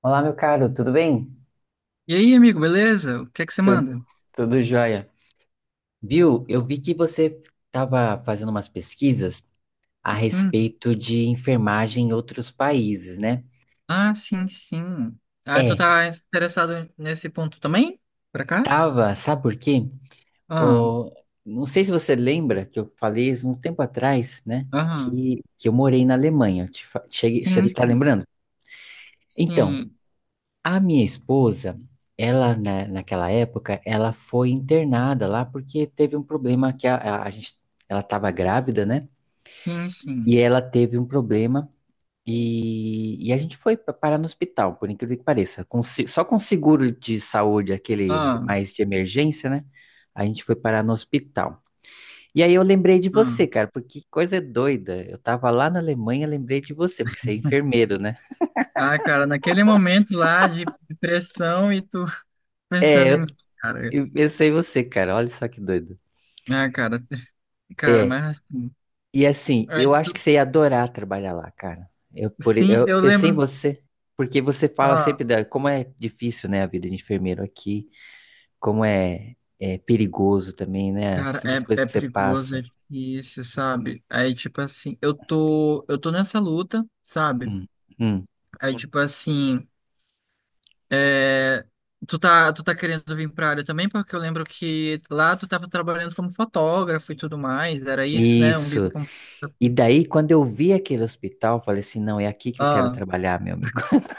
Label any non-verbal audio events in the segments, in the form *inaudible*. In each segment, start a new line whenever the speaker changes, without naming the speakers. Olá, meu caro, tudo bem?
E aí, amigo, beleza? O que é que você
Tudo,
manda?
tudo jóia. Viu? Eu vi que você estava fazendo umas pesquisas a
Sim.
respeito de enfermagem em outros países, né?
Ah, sim, sim. Ah, tu
É,
tá interessado nesse ponto também? Por acaso?
tava, sabe por quê?
Ah,
O, não sei se você lembra que eu falei isso um tempo atrás, né?
aham.
Que eu morei na Alemanha. Cheguei, você
Sim,
tá
sim.
lembrando? Então,
Sim,
a minha esposa, ela naquela época, ela foi internada lá porque teve um problema que a gente, ela estava grávida, né?
sim,
E
sim.
ela teve um problema e a gente foi parar no hospital, por incrível que pareça, com se- só com seguro de saúde, aquele
Ah,
mais de emergência, né? A gente foi parar no hospital. E aí eu lembrei de
ah.
você, cara, porque que coisa doida. Eu tava lá na Alemanha, lembrei de você, porque você é enfermeiro, né?
Ah, cara, naquele momento lá de pressão e tu *laughs*
É,
pensando
eu,
em. Cara,
eu pensei em você, cara, olha só que doido.
ah, cara, *laughs* cara,
É,
mas assim.
e assim,
aí
eu acho que
tu-
você ia adorar trabalhar lá, cara. Eu, por,
Sim,
eu
eu
pensei em
lembro.
você, porque você fala sempre
Ah.
da, como é difícil, né, a vida de enfermeiro aqui, como é perigoso também, né?
Cara,
Tantas coisas
é
que você
perigoso, é
passa.
difícil, sabe? Aí, tipo assim, eu tô nessa luta, sabe?
Hum, hum.
Aí, tipo assim, é, tu tá querendo vir pra área também, porque eu lembro que lá tu tava trabalhando como fotógrafo e tudo mais, era isso, né? Um
Isso.
bico como
E
fotógrafo.
daí, quando eu vi aquele hospital, eu falei assim, não, é aqui que eu quero
Ah,
trabalhar, meu amigo. *laughs*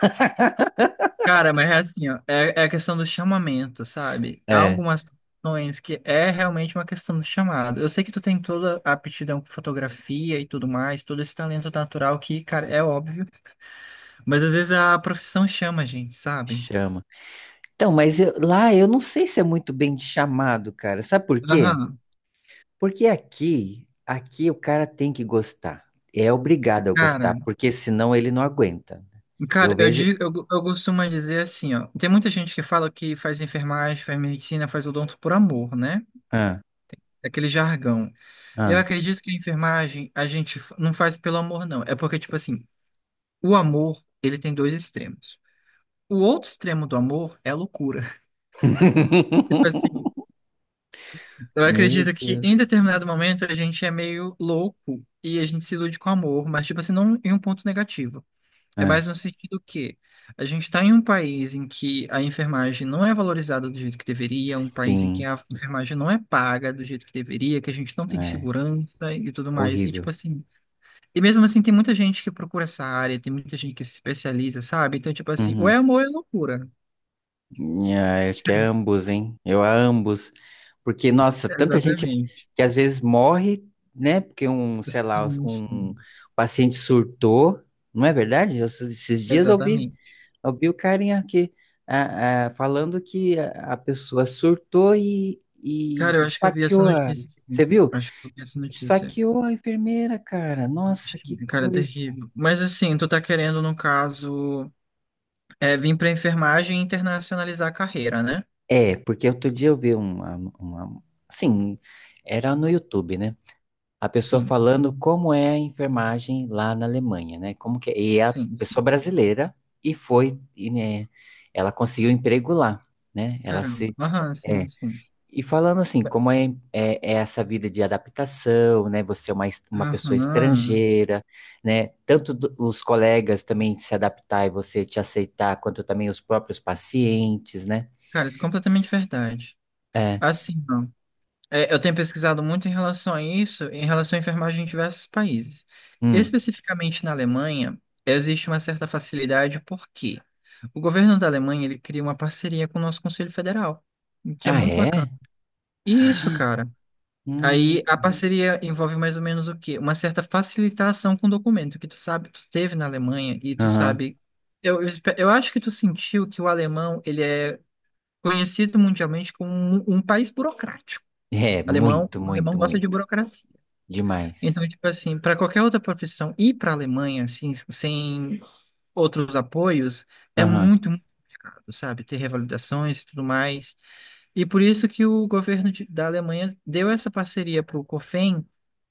cara, mas é assim, ó, é, é a questão do chamamento, sabe? Há
É,
algumas profissões que é realmente uma questão do chamado. Eu sei que tu tem toda a aptidão com fotografia e tudo mais, todo esse talento natural que, cara, é óbvio. Mas às vezes a profissão chama a gente, sabe?
chama. Então, mas lá eu não sei se é muito bem chamado, cara. Sabe por quê?
Aham,
Porque aqui o cara tem que gostar. É obrigado a gostar,
cara.
porque senão ele não aguenta. Eu
Cara, eu,
vejo.
di- eu, eu costumo dizer assim, ó. Tem muita gente que fala que faz enfermagem, faz medicina, faz odonto por amor, né?
Ah,
É aquele jargão. Eu
ah.
acredito que a enfermagem a gente não faz pelo amor, não. É porque, tipo assim, o amor, ele tem dois extremos. O outro extremo do amor é a loucura. *laughs* Tipo assim,
*laughs*
eu
Meu
acredito que
Deus.
em determinado momento a gente é meio louco e a gente se ilude com amor, mas, tipo assim, não em um ponto negativo. É
Ah,
mais no sentido que a gente está em um país em que a enfermagem não é valorizada do jeito que deveria, um país em que
sim,
a enfermagem não é paga do jeito que deveria, que a gente não tem
é
segurança e tudo mais. E tipo
horrível.
assim, e mesmo assim tem muita gente que procura essa área, tem muita gente que se especializa, sabe? Então, tipo assim, ou
Uhum.
é amor ou é loucura.
Ah, eu acho que é
*laughs*
ambos, hein? Eu a ambos. Porque, nossa, tanta gente
Exatamente.
que às vezes morre, né? Porque um, sei lá,
Sim,
um
sim.
paciente surtou. Não é verdade? Eu, esses dias eu ouvi
Exatamente.
Eu vi o carinha aqui, falando que a pessoa surtou e
Cara, eu acho que eu vi essa
esfaqueou a.
notícia, sim.
Você viu?
Acho que eu vi essa notícia.
Esfaqueou a enfermeira, cara. Nossa, que
Cara, é
coisa.
terrível. Mas assim, tu tá querendo, no caso. É, vim para enfermagem e internacionalizar a carreira, né?
É, porque outro dia eu vi uma. Assim, era no YouTube, né? A pessoa
Sim,
falando como é a enfermagem lá na Alemanha, né? Como que é. E é a
sim,
pessoa
sim.
brasileira e foi, e, né, ela conseguiu emprego lá, né? Ela
Caramba.
se.
Aham, sim,
É,
sim.
e falando assim, como é essa vida de adaptação, né? Você é uma pessoa
Aham.
estrangeira, né? Tanto os colegas também se adaptar e você te aceitar, quanto também os próprios pacientes, né?
Cara, isso é completamente verdade.
É.
Assim, não. É, eu tenho pesquisado muito em relação a isso, em relação à enfermagem em diversos países.
Hum.
Especificamente na Alemanha, existe uma certa facilidade porque o governo da Alemanha ele cria uma parceria com o nosso Conselho Federal, o que é
Ah,
muito
é?
bacana. E isso, cara.
Hum.
Aí a parceria envolve mais ou menos o quê? Uma certa facilitação com o documento que tu sabe, tu teve na Alemanha e tu
Aham.
sabe. Eu acho que tu sentiu que o alemão ele é conhecido mundialmente como um país burocrático.
É,
Alemão,
muito,
o alemão
muito,
gosta de
muito.
burocracia. Então,
Demais.
tipo assim, para qualquer outra profissão ir para a Alemanha assim, sem outros apoios, é
Aham.
muito, sabe? Ter revalidações e tudo mais. E por isso que o governo da Alemanha deu essa parceria para o COFEN,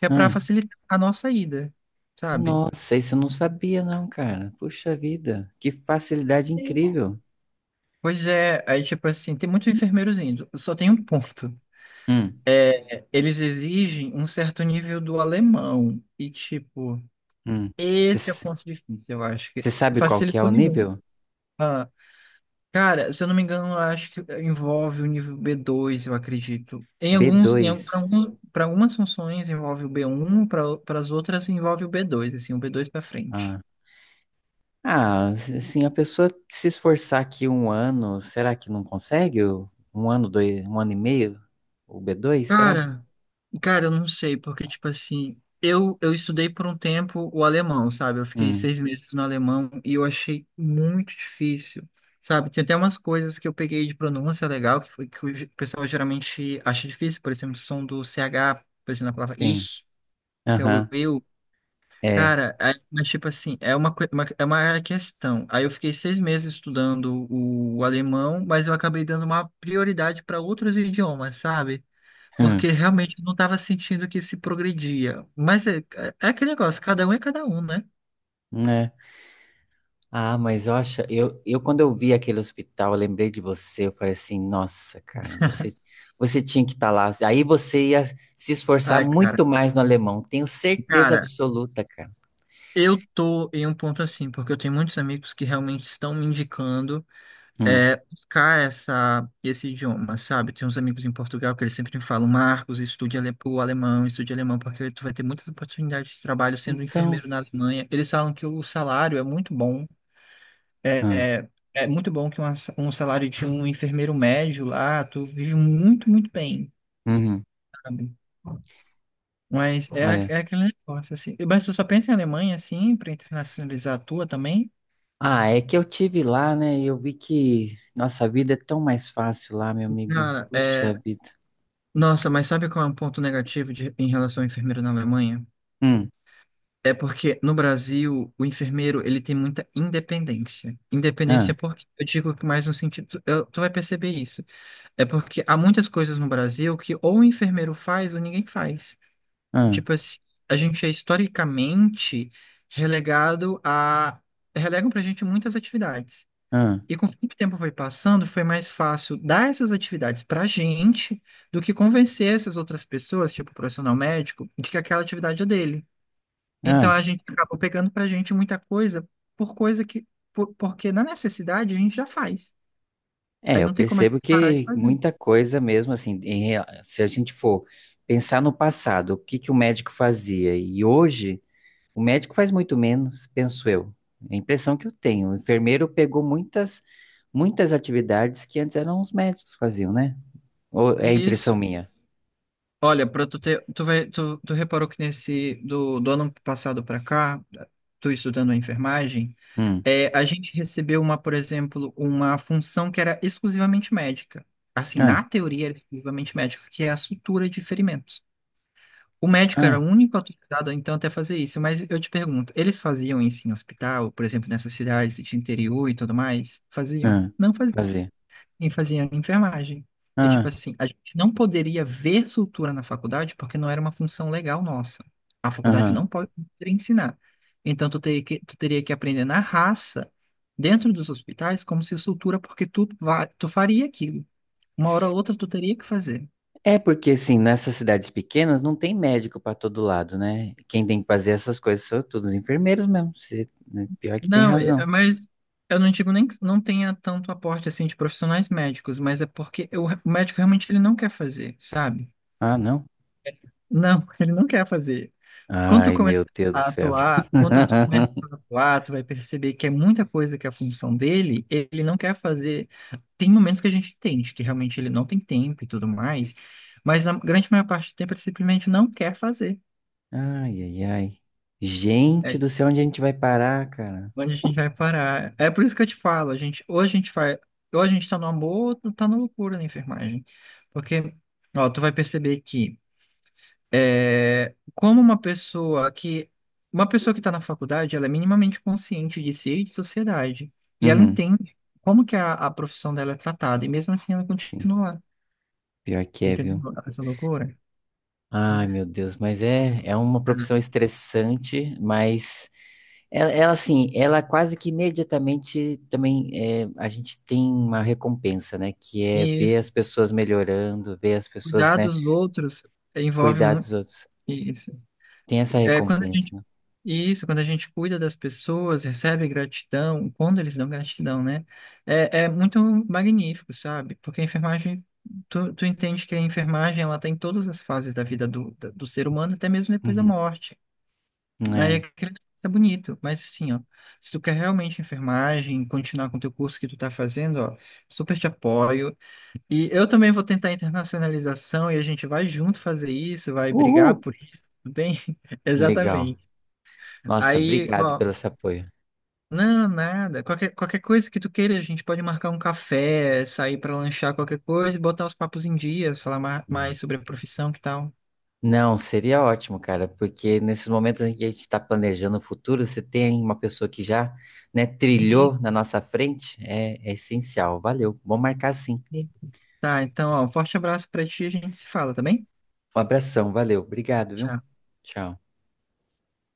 que é para
Hum.
facilitar a nossa ida, sabe?
Nossa, isso eu não sabia, não, cara. Puxa vida, que facilidade incrível.
Pois é, aí tipo assim, tem muitos enfermeiros indo. Só tem um ponto.
Hum.
É, eles exigem um certo nível do alemão. E tipo,
Hum.
esse é o
Você
ponto difícil, eu acho que
sabe qual que é
facilitou
o
nenhum.
nível?
Cara, se eu não me engano, acho que envolve o nível B2 eu acredito. Em
b
alguns,
dois,
algum, para algumas funções envolve o B1 para as outras envolve o B2 assim, o B2 para frente.
ah, ah, assim, a pessoa se esforçar aqui um ano, será que não consegue? Um ano, dois, um ano e meio? O B2, será?
Cara, eu não sei, porque, tipo assim, eu estudei por um tempo o alemão, sabe? Eu fiquei
Hum,
6 meses no alemão e eu achei muito difícil, sabe? Tem até umas coisas que eu peguei de pronúncia legal, que foi que o pessoal geralmente acha difícil, por exemplo, o som do CH, por exemplo, na palavra
sim.
ich, que é o
Aham,
eu.
é.
Cara, aí- mas tipo assim, é uma, é uma questão. Aí eu fiquei 6 meses estudando o alemão, mas eu acabei dando uma prioridade para outros idiomas, sabe? Porque
Hum,
realmente eu não estava sentindo que se progredia. Mas é aquele negócio, cada um é cada um, né?
né? Ah, mas eu acho, eu quando eu vi aquele hospital, eu lembrei de você, eu falei assim, nossa, cara, você tinha que estar lá. Aí você ia se esforçar
Ai, cara.
muito mais no alemão, tenho certeza
Cara,
absoluta, cara.
eu tô em um ponto assim, porque eu tenho muitos amigos que realmente estão me indicando.
Hum.
É, buscar essa, esse idioma, sabe? Tem uns amigos em Portugal que eles sempre me falam, Marcos, estude o alemão, estude alemão, porque tu vai ter muitas oportunidades de trabalho sendo um
Então,
enfermeiro na Alemanha. Eles falam que o salário é muito bom, é,
hum,
é, é muito bom que um salário de um enfermeiro médio lá, tu vive muito, muito bem,
uhum,
sabe? Mas é,
olha.
é aquele negócio, assim. Mas tu só pensa em Alemanha, assim, para internacionalizar a tua também?
Ah, é que eu tive lá, né? E eu vi que nossa vida é tão mais fácil lá, meu amigo.
Cara,
Puxa
é...
vida.
Nossa, mas sabe qual é um ponto negativo em relação ao enfermeiro na Alemanha?
Hum,
É porque no Brasil o enfermeiro ele tem muita independência.
ah,
Independência porque eu digo que mais no sentido, eu- tu vai perceber isso. É porque há muitas coisas no Brasil que ou o enfermeiro faz ou ninguém faz.
ah,
Tipo assim, a gente é historicamente relegado a relegam pra gente muitas atividades.
ah,
E conforme o tempo foi passando, foi mais fácil dar essas atividades pra gente do que convencer essas outras pessoas, tipo o profissional médico, de que aquela atividade é dele. Então
ah.
a gente acaba pegando pra gente muita coisa por coisa que porque na necessidade a gente já faz.
É,
Aí
eu
não tem como a
percebo
gente parar de
que
fazer.
muita coisa mesmo, assim, se a gente for pensar no passado, o que que o médico fazia? E hoje, o médico faz muito menos, penso eu. É a impressão que eu tenho. O enfermeiro pegou muitas, muitas atividades que antes eram os médicos que faziam, né? Ou é a impressão
Isso.
minha?
Olha, para tu ter, tu vai, tu, tu reparou que nesse do ano passado pra cá, tu estudando a enfermagem,
Hum,
é, a gente recebeu uma, por exemplo, uma função que era exclusivamente médica. Assim, na
ah,
teoria era exclusivamente médica, que é a sutura de ferimentos. O médico era o
ah,
único autorizado, então, até fazer isso. Mas eu te pergunto, eles faziam isso em hospital, por exemplo, nessas cidades de interior e tudo mais? Faziam?
ah.
Não faziam.
Fazer.
E faziam em enfermagem. E, tipo
Ah,
assim, a gente não poderia ver sutura na faculdade porque não era uma função legal nossa. A faculdade não
aham.
pode ensinar. Então, tu teria que aprender na raça, dentro dos hospitais, como se sutura, porque tu faria aquilo. Uma hora ou outra, tu teria que fazer.
É porque, assim, nessas cidades pequenas não tem médico pra todo lado, né? Quem tem que fazer essas coisas são todos os enfermeiros mesmo. Pior que tem
Não,
razão.
mas eu não digo nem que não tenha tanto aporte assim de profissionais médicos, mas é porque o médico realmente ele não quer fazer, sabe?
Ah, não?
Não, *laughs* ele não quer fazer. Quando tu
Ai,
começa
meu Deus do
a
céu.
atuar,
*laughs*
tu vai perceber que é muita coisa que é a função dele, ele não quer fazer. Tem momentos que a gente entende que realmente ele não tem tempo e tudo mais, mas a grande maior parte do tempo ele simplesmente não quer fazer.
Ai, ai, ai. Gente
É,
do céu, onde a gente vai parar, cara?
onde a gente vai parar? É por isso que eu te falo, a gente, ou a gente faz, ou a gente tá no amor, ou tá na loucura na enfermagem. Porque, ó, tu vai perceber que é, como uma pessoa que tá na faculdade, ela é minimamente consciente de si e de sociedade. E ela
Uhum.
entende como que a profissão dela é tratada, e mesmo assim ela
Sim.
continua lá.
Pior que é, viu?
Entendeu? Essa loucura.
Ai, meu Deus, mas é uma profissão estressante, mas ela, assim, ela quase que imediatamente também é, a gente tem uma recompensa, né? Que é
E
ver
isso,
as pessoas melhorando, ver as pessoas,
cuidar
né,
dos outros envolve
cuidar
muito
dos outros.
isso.
Tem essa
É, quando a
recompensa,
gente
né?
E isso, quando a gente cuida das pessoas, recebe gratidão, quando eles dão gratidão, né? É, é muito magnífico, sabe? Porque a enfermagem, tu entende que a enfermagem, ela tá em todas as fases da vida do ser humano, até mesmo depois da
Uhum.
morte. Aí é
É.
aquele é bonito, mas assim, ó, se tu quer realmente enfermagem, continuar com o teu curso que tu tá fazendo, ó, super te apoio. E eu também vou tentar internacionalização e a gente vai junto fazer isso, vai brigar
Uhul!
por isso, tudo bem? *laughs*
Legal.
Exatamente.
Nossa,
Aí,
obrigado
ó,
pelo seu apoio.
não, nada. Qualquer coisa que tu queira, a gente pode marcar um café, sair pra lanchar qualquer coisa e botar os papos em dia, falar
Hum.
mais sobre a profissão, que tal?
Não, seria ótimo, cara, porque nesses momentos em que a gente está planejando o futuro, você tem uma pessoa que já, né, trilhou na
Isso.
nossa frente, é essencial. Valeu, vamos marcar sim.
Tá, então, ó, um forte abraço pra ti, a gente se fala, tá bem?
Um abração, valeu, obrigado, viu?
Tchau.
Tchau.